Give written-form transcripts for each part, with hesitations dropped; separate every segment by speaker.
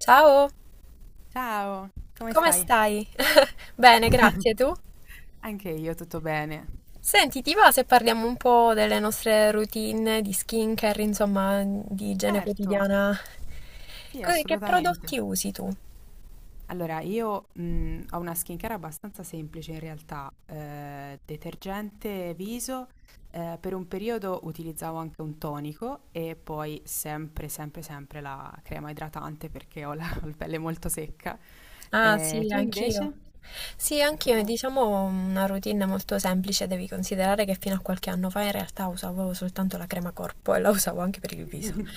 Speaker 1: Ciao,
Speaker 2: Ciao, come
Speaker 1: come
Speaker 2: stai?
Speaker 1: stai? Bene, grazie, tu?
Speaker 2: Anche io tutto bene.
Speaker 1: Senti, ti va se parliamo un po' delle nostre routine di skincare, insomma, di igiene
Speaker 2: Certo,
Speaker 1: quotidiana?
Speaker 2: sì,
Speaker 1: Che
Speaker 2: assolutamente.
Speaker 1: prodotti usi tu?
Speaker 2: Allora, io ho una skincare abbastanza semplice in realtà, detergente viso, per un periodo utilizzavo anche un tonico e poi sempre, sempre, sempre la crema idratante perché ho la, ho la pelle molto secca.
Speaker 1: Ah,
Speaker 2: Eh,
Speaker 1: sì,
Speaker 2: tu
Speaker 1: anch'io.
Speaker 2: invece?
Speaker 1: Sì,
Speaker 2: Anche
Speaker 1: anch'io, è,
Speaker 2: tu?
Speaker 1: diciamo una routine molto semplice, devi considerare che fino a qualche anno fa in realtà usavo soltanto la crema corpo e la usavo anche per il viso.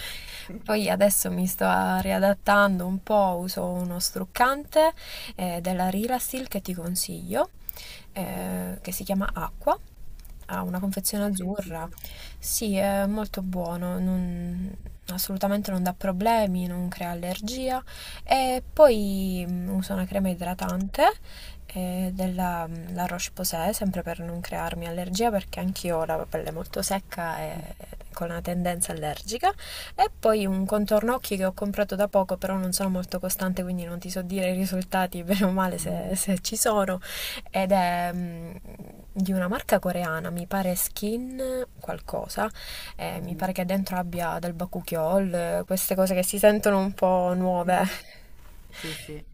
Speaker 1: Poi adesso mi sto riadattando un po', uso uno struccante della Rilastil che ti consiglio,
Speaker 2: Mhm.
Speaker 1: che si chiama Acqua. Ha una confezione
Speaker 2: Mai sentito?
Speaker 1: azzurra. Sì, è molto buono, assolutamente non dà problemi, non crea allergia. E poi uso una crema idratante della La Roche-Posay, sempre per non crearmi allergia, perché anch'io ho la pelle molto secca e con una tendenza allergica. E poi un contorno occhi che ho comprato da poco, però non sono molto costante, quindi non ti so dire i risultati, bene o male, se ci sono. Ed è di una marca coreana, mi pare Skin qualcosa mi pare
Speaker 2: Mhm.
Speaker 1: che dentro abbia del bakuchiol, queste cose che si sentono un po' nuove.
Speaker 2: Mh-mh. Sì, sì.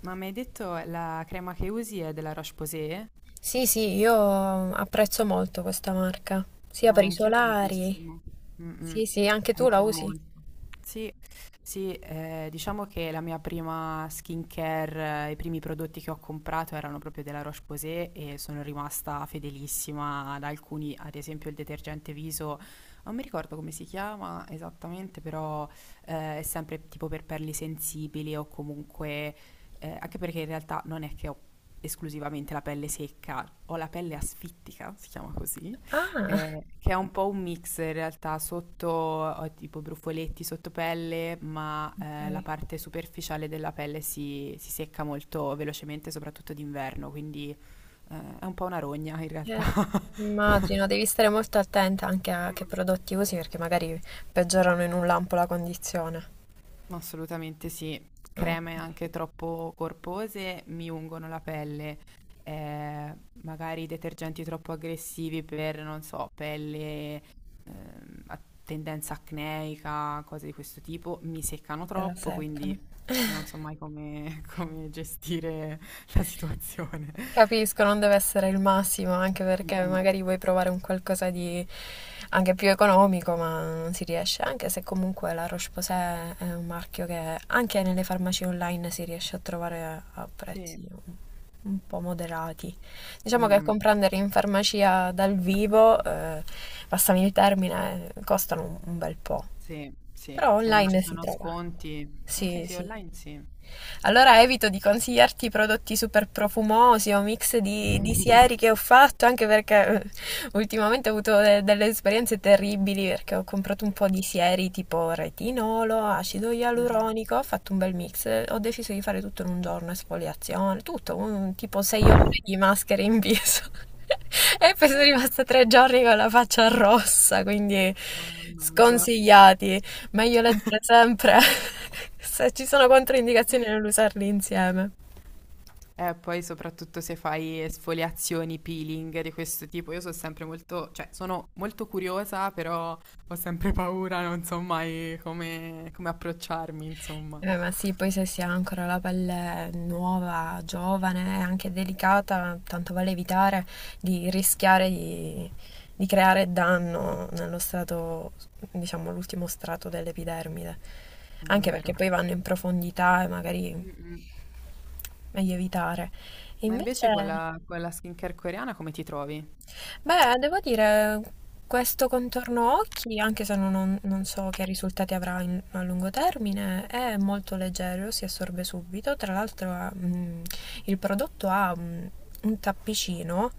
Speaker 2: Ma mi hai detto la crema che usi è della Roche-Posay?
Speaker 1: Sì, sì, io apprezzo molto questa marca, sia
Speaker 2: Eh,
Speaker 1: per i
Speaker 2: anch'io
Speaker 1: solari.
Speaker 2: tantissimo. Mh-mh.
Speaker 1: Sì, sì, anche tu la
Speaker 2: Anch'io
Speaker 1: usi.
Speaker 2: molto. Sì, sì, diciamo che la mia prima skincare, i primi prodotti che ho comprato erano proprio della Roche-Posay e sono rimasta fedelissima ad alcuni, ad esempio il detergente viso, non mi ricordo come si chiama esattamente, però è sempre tipo per pelli sensibili o comunque, anche perché in realtà non è che ho esclusivamente la pelle secca, ho la pelle asfittica, si chiama così
Speaker 1: Ah,
Speaker 2: che è un po' un mix in realtà, sotto ho tipo brufoletti sotto pelle, ma la
Speaker 1: ok.
Speaker 2: parte superficiale della pelle si secca molto velocemente, soprattutto d'inverno, quindi è un po' una rogna in realtà.
Speaker 1: Eh, immagino, devi stare molto attenta anche a che prodotti usi perché magari peggiorano in un lampo la condizione.
Speaker 2: Assolutamente sì.
Speaker 1: Ok.
Speaker 2: Creme anche troppo corpose mi ungono la pelle. eh, Magari detergenti troppo aggressivi per, non so, pelle a tendenza acneica, cose di questo tipo, mi seccano
Speaker 1: Gliela
Speaker 2: troppo,
Speaker 1: seccano.
Speaker 2: quindi non so mai come, come gestire la situazione.
Speaker 1: Capisco, non deve essere il massimo, anche
Speaker 2: Mm,
Speaker 1: perché
Speaker 2: mm.
Speaker 1: magari vuoi provare un qualcosa di anche più economico, ma non si riesce, anche se comunque la Roche-Posay è un marchio che anche nelle farmacie online si riesce a trovare a
Speaker 2: Sì,
Speaker 1: prezzi un po' moderati.
Speaker 2: mm,
Speaker 1: Diciamo che
Speaker 2: mm.
Speaker 1: comprandere in farmacia dal vivo, passami il termine, costano un bel po'.
Speaker 2: Sì, sì,
Speaker 1: Però
Speaker 2: se non ci
Speaker 1: online si
Speaker 2: sono
Speaker 1: trova.
Speaker 2: sconti, ah, sì,
Speaker 1: Sì,
Speaker 2: sì,
Speaker 1: sì.
Speaker 2: online sì.
Speaker 1: Allora evito di consigliarti prodotti super profumosi o mix di sieri che ho fatto, anche perché ultimamente ho avuto delle esperienze terribili perché ho comprato un po' di sieri tipo retinolo, acido
Speaker 2: Ah,
Speaker 1: ialuronico, ho fatto un bel mix, ho deciso di fare tutto in un giorno, esfoliazione, tutto, tipo 6 ore di maschere in viso. E poi sono rimasta 3 giorni con la faccia rossa, quindi
Speaker 2: wow, non c'è.
Speaker 1: sconsigliati. Meglio leggere sempre. Se ci sono controindicazioni nell'usarli insieme.
Speaker 2: Poi soprattutto se fai esfoliazioni, peeling di questo tipo, io sono sempre molto, cioè sono molto curiosa, però ho sempre paura, non so mai come, come approcciarmi, insomma.
Speaker 1: Ma sì, poi se si ha ancora la pelle nuova, giovane e anche delicata, tanto vale evitare di rischiare di creare danno nello strato, diciamo, l'ultimo strato dell'epidermide.
Speaker 2: È
Speaker 1: Anche perché
Speaker 2: vero.
Speaker 1: poi vanno in profondità e magari
Speaker 2: Mm, mm.
Speaker 1: meglio evitare.
Speaker 2: Ma invece
Speaker 1: Invece.
Speaker 2: con la skincare coreana come ti trovi?
Speaker 1: Beh, devo dire, questo contorno occhi, anche se non so che risultati avrà a lungo termine, è molto leggero, si assorbe subito. Tra l'altro, il prodotto ha un tappicino,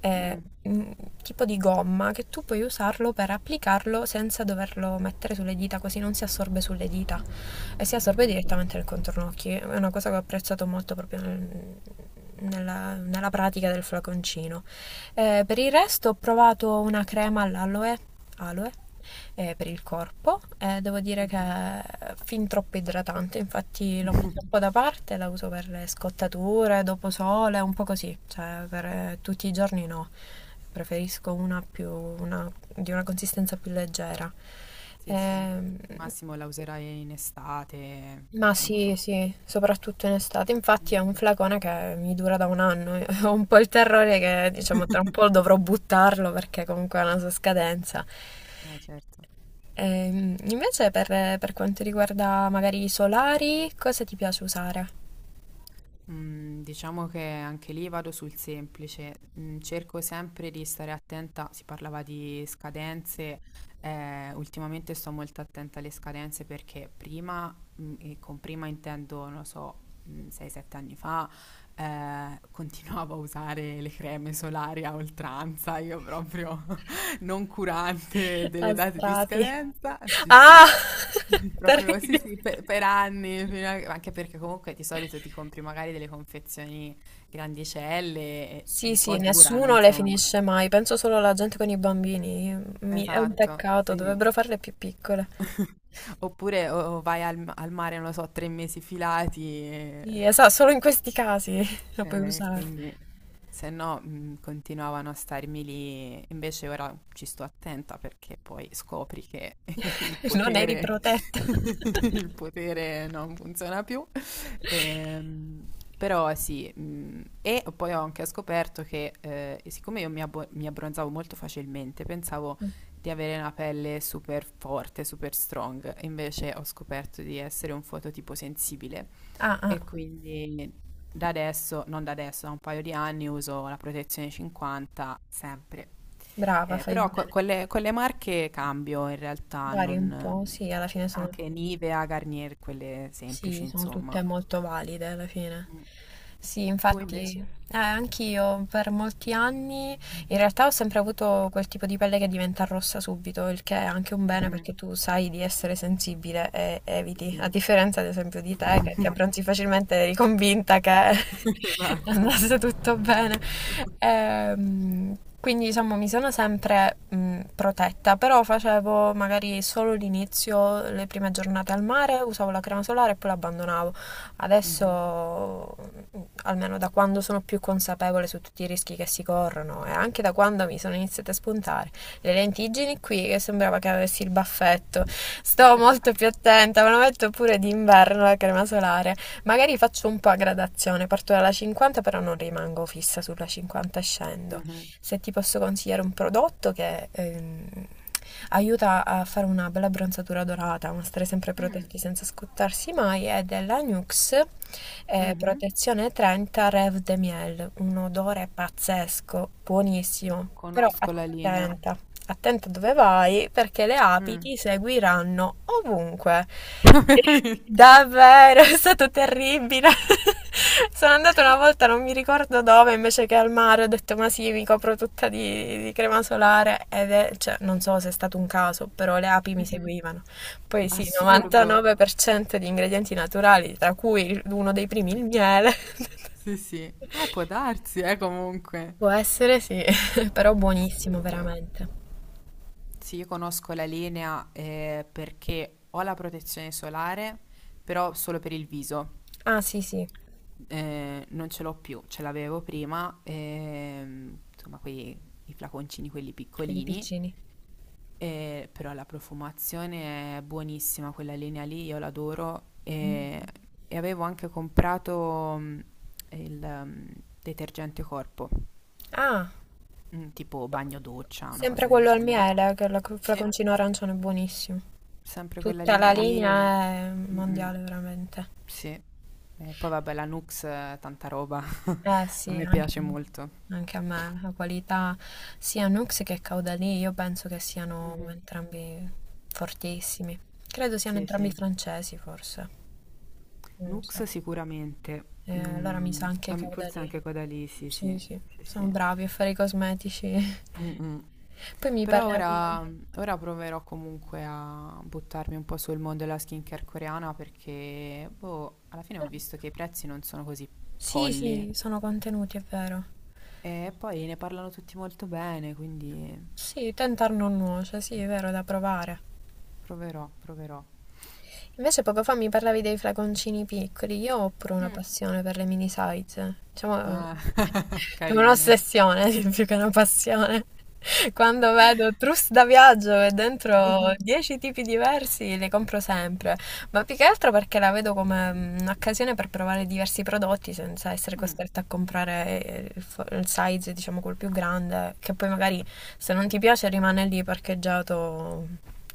Speaker 1: eh,
Speaker 2: Mm.
Speaker 1: mm, tipo di gomma, che tu puoi usarlo per applicarlo senza doverlo mettere sulle dita, così non si assorbe sulle dita
Speaker 2: Mm.
Speaker 1: e si assorbe
Speaker 2: Mhm,
Speaker 1: direttamente nel contorno occhi. È una cosa che ho apprezzato molto proprio nella pratica del flaconcino. Per il resto ho provato una crema all'aloe, aloe, per il corpo. Devo dire che
Speaker 2: mhm.
Speaker 1: è fin troppo idratante, infatti l'ho messa un po' da parte, la uso per le scottature, dopo sole, un po' così, cioè per tutti i giorni no. Preferisco una di una consistenza più leggera.
Speaker 2: Sì, sì.
Speaker 1: Ehm,
Speaker 2: Al massimo la userai in estate,
Speaker 1: ma sì,
Speaker 2: appunto.
Speaker 1: sì, soprattutto in estate.
Speaker 2: Mm,
Speaker 1: Infatti è un
Speaker 2: mm.
Speaker 1: flacone che mi dura da 1 anno. Ho un po' il terrore che, diciamo, tra un po' dovrò buttarlo perché comunque ha una sua scadenza.
Speaker 2: Certo.
Speaker 1: Invece per quanto riguarda magari i solari, cosa ti piace usare?
Speaker 2: Mm, diciamo che anche lì vado sul semplice, mm, cerco sempre di stare attenta, si parlava di scadenze, ultimamente sto molto attenta alle scadenze perché prima, e con prima intendo, non lo so, 6-7 anni fa, continuavo a usare le creme solari a oltranza, io proprio non curante delle
Speaker 1: A
Speaker 2: date di
Speaker 1: strati.
Speaker 2: scadenza, sì sì,
Speaker 1: Ah!
Speaker 2: proprio sì,
Speaker 1: Terribile.
Speaker 2: sì, per, anni, anche perché comunque di solito ti compri magari delle confezioni grandicelle, e
Speaker 1: Sì,
Speaker 2: un
Speaker 1: sì,
Speaker 2: po' durano,
Speaker 1: nessuno le
Speaker 2: insomma.
Speaker 1: finisce mai, penso solo alla gente con i bambini. È un
Speaker 2: Esatto,
Speaker 1: peccato,
Speaker 2: sì.
Speaker 1: dovrebbero farle più piccole.
Speaker 2: Oppure o vai al, al mare, non lo so, 3 mesi filati.
Speaker 1: Sì, esatto, solo in questi casi la puoi usare.
Speaker 2: Quindi se no continuavano a starmi lì, invece ora ci sto attenta perché poi scopri che il
Speaker 1: Non eri
Speaker 2: potere,
Speaker 1: protetta.
Speaker 2: il potere non funziona più. Ehm, però sì, e poi ho anche scoperto che siccome io mi, mi abbronzavo molto facilmente, pensavo di avere una pelle super forte, super strong, invece ho scoperto di essere un fototipo sensibile
Speaker 1: Ah, ah,
Speaker 2: e quindi da adesso, non da adesso, da un paio di anni uso la protezione 50 sempre.
Speaker 1: brava, fai
Speaker 2: Però
Speaker 1: bene.
Speaker 2: con le marche cambio in realtà,
Speaker 1: Vari un po',
Speaker 2: non,
Speaker 1: sì, alla fine sono
Speaker 2: anche Nivea, Garnier, quelle semplici,
Speaker 1: sì, sono
Speaker 2: insomma.
Speaker 1: tutte molto valide alla fine.
Speaker 2: Mm.
Speaker 1: Sì,
Speaker 2: Tu
Speaker 1: infatti,
Speaker 2: invece?
Speaker 1: anch'io per molti anni
Speaker 2: Mm.
Speaker 1: in realtà ho sempre avuto quel tipo di pelle che diventa rossa subito, il che è anche un bene
Speaker 2: Mhm,
Speaker 1: perché tu sai di essere sensibile e
Speaker 2: sì,
Speaker 1: eviti, a
Speaker 2: sì.
Speaker 1: differenza ad esempio di te che ti abbronzi facilmente, eri convinta che
Speaker 2: Esatto.
Speaker 1: andasse tutto bene. Ehm, quindi diciamo mi sono sempre protetta, però facevo magari solo l'inizio, le prime giornate al mare, usavo la crema solare e poi l'abbandonavo.
Speaker 2: Mhm.
Speaker 1: Adesso, mh, almeno da quando sono più consapevole su tutti i rischi che si corrono e anche da quando mi sono iniziate a spuntare le lentiggini qui, che sembrava che avessi il baffetto, sto molto più attenta, me lo metto pure d'inverno la crema solare. Magari faccio un po' a gradazione, parto dalla 50 però non rimango fissa sulla 50 e scendo.
Speaker 2: Mhm.
Speaker 1: Se ti posso consigliare un prodotto che aiuta a fare una bella bronzatura dorata, ma stare sempre
Speaker 2: Mm.
Speaker 1: protetti senza scottarsi mai, è della Nux
Speaker 2: Mhm.
Speaker 1: Protezione 30 Rêve de Miel, un odore pazzesco, buonissimo, però
Speaker 2: Conosco la linea.
Speaker 1: attenta attento dove vai perché le api
Speaker 2: Mm.
Speaker 1: ti seguiranno ovunque.
Speaker 2: Veramente.
Speaker 1: Davvero, è stato terribile. Sono andata una volta, non mi ricordo dove, invece che al mare, ho detto ma sì, mi copro tutta di crema solare ed è, cioè, non so se è stato un caso, però le api mi
Speaker 2: Mhm.
Speaker 1: seguivano. Poi sì,
Speaker 2: Assurdo.
Speaker 1: 99% di ingredienti naturali, tra cui uno dei primi il miele.
Speaker 2: Sì, sì. Può darsi, comunque.
Speaker 1: Può essere sì, però buonissimo
Speaker 2: Assurdo.
Speaker 1: veramente.
Speaker 2: Sì, io conosco la linea perché ho la protezione solare, però solo per il viso.
Speaker 1: Ah sì sì.
Speaker 2: Non ce l'ho più, ce l'avevo prima, insomma, quei, i flaconcini, quelli
Speaker 1: Quelli
Speaker 2: piccolini,
Speaker 1: piccini.
Speaker 2: però la profumazione è buonissima, quella linea lì, io l'adoro.
Speaker 1: Mhm.
Speaker 2: E avevo anche comprato il mm, detergente corpo.
Speaker 1: Ah,
Speaker 2: Tipo bagno doccia, una
Speaker 1: sempre
Speaker 2: cosa del
Speaker 1: quello al
Speaker 2: genere.
Speaker 1: miele, che il
Speaker 2: Sì,
Speaker 1: flaconcino arancione è buonissimo.
Speaker 2: sempre quella
Speaker 1: Tutta la
Speaker 2: linea lì. E-
Speaker 1: linea è
Speaker 2: Mh-mh.
Speaker 1: mondiale veramente.
Speaker 2: Sì. E poi vabbè, la Nux, tanta roba.
Speaker 1: Eh
Speaker 2: A
Speaker 1: sì,
Speaker 2: me
Speaker 1: anche,
Speaker 2: piace molto.
Speaker 1: anche a me, la qualità sia Nux che Caudalie, io penso che siano
Speaker 2: Mhm.
Speaker 1: entrambi fortissimi. Credo siano
Speaker 2: Sì,
Speaker 1: entrambi
Speaker 2: sì.
Speaker 1: francesi, forse. Non
Speaker 2: Nux
Speaker 1: so.
Speaker 2: sicuramente.
Speaker 1: Allora mi sa
Speaker 2: Mm,
Speaker 1: anche
Speaker 2: am- forse
Speaker 1: Caudalie.
Speaker 2: anche quella lì, sì, sì.
Speaker 1: Sì, sì,
Speaker 2: Sì,
Speaker 1: sono
Speaker 2: sì.
Speaker 1: bravi a fare i cosmetici.
Speaker 2: Mm-mm.
Speaker 1: Poi mi
Speaker 2: Però ora,
Speaker 1: parlavi.
Speaker 2: ora proverò comunque a buttarmi un po' sul mondo della skincare coreana perché, boh, alla fine ho visto che i prezzi non sono così
Speaker 1: Sì,
Speaker 2: folli.
Speaker 1: sì, sono contenuti, è vero.
Speaker 2: E poi ne parlano tutti molto bene, quindi
Speaker 1: Sì, tentar non nuoce, sì, è vero, da provare.
Speaker 2: proverò, proverò.
Speaker 1: Invece poco fa mi parlavi dei flaconcini piccoli, io ho pure una
Speaker 2: Mm.
Speaker 1: passione per le mini size, diciamo
Speaker 2: Ah,
Speaker 1: è
Speaker 2: carine.
Speaker 1: un'ossessione più che una passione. Quando vedo trousse da viaggio e dentro 10 tipi diversi le compro sempre, ma più che altro perché la vedo come un'occasione per provare diversi prodotti senza essere
Speaker 2: Mm.
Speaker 1: costretta a comprare il size, diciamo, quel più grande, che poi magari se non ti piace rimane lì parcheggiato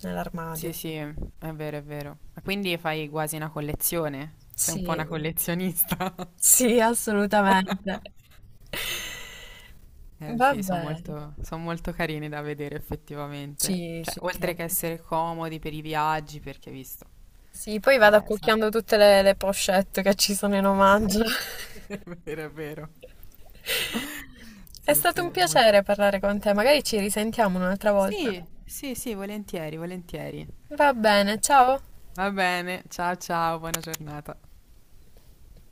Speaker 1: nell'armadio.
Speaker 2: Sì, sì, è vero, è vero. Ma quindi fai quasi una collezione? Sei un po'
Speaker 1: Sì,
Speaker 2: una collezionista?
Speaker 1: sì, assolutamente.
Speaker 2: Eh sì, sono
Speaker 1: Vabbè,
Speaker 2: molto, son molto carini da vedere effettivamente.
Speaker 1: sì,
Speaker 2: Cioè,
Speaker 1: sì,
Speaker 2: oltre che
Speaker 1: troppo.
Speaker 2: essere comodi per i viaggi, perché visto.
Speaker 1: Sì, poi vado
Speaker 2: Sa-
Speaker 1: accucchiando tutte le pochette che ci sono in omaggio.
Speaker 2: È vero, è vero.
Speaker 1: È
Speaker 2: Sì,
Speaker 1: stato un
Speaker 2: sì,
Speaker 1: piacere
Speaker 2: molto.
Speaker 1: parlare con te, magari ci risentiamo un'altra volta.
Speaker 2: Sì, sì, sì, volentieri, volentieri.
Speaker 1: Va bene, ciao.
Speaker 2: Va bene, ciao ciao, buona giornata.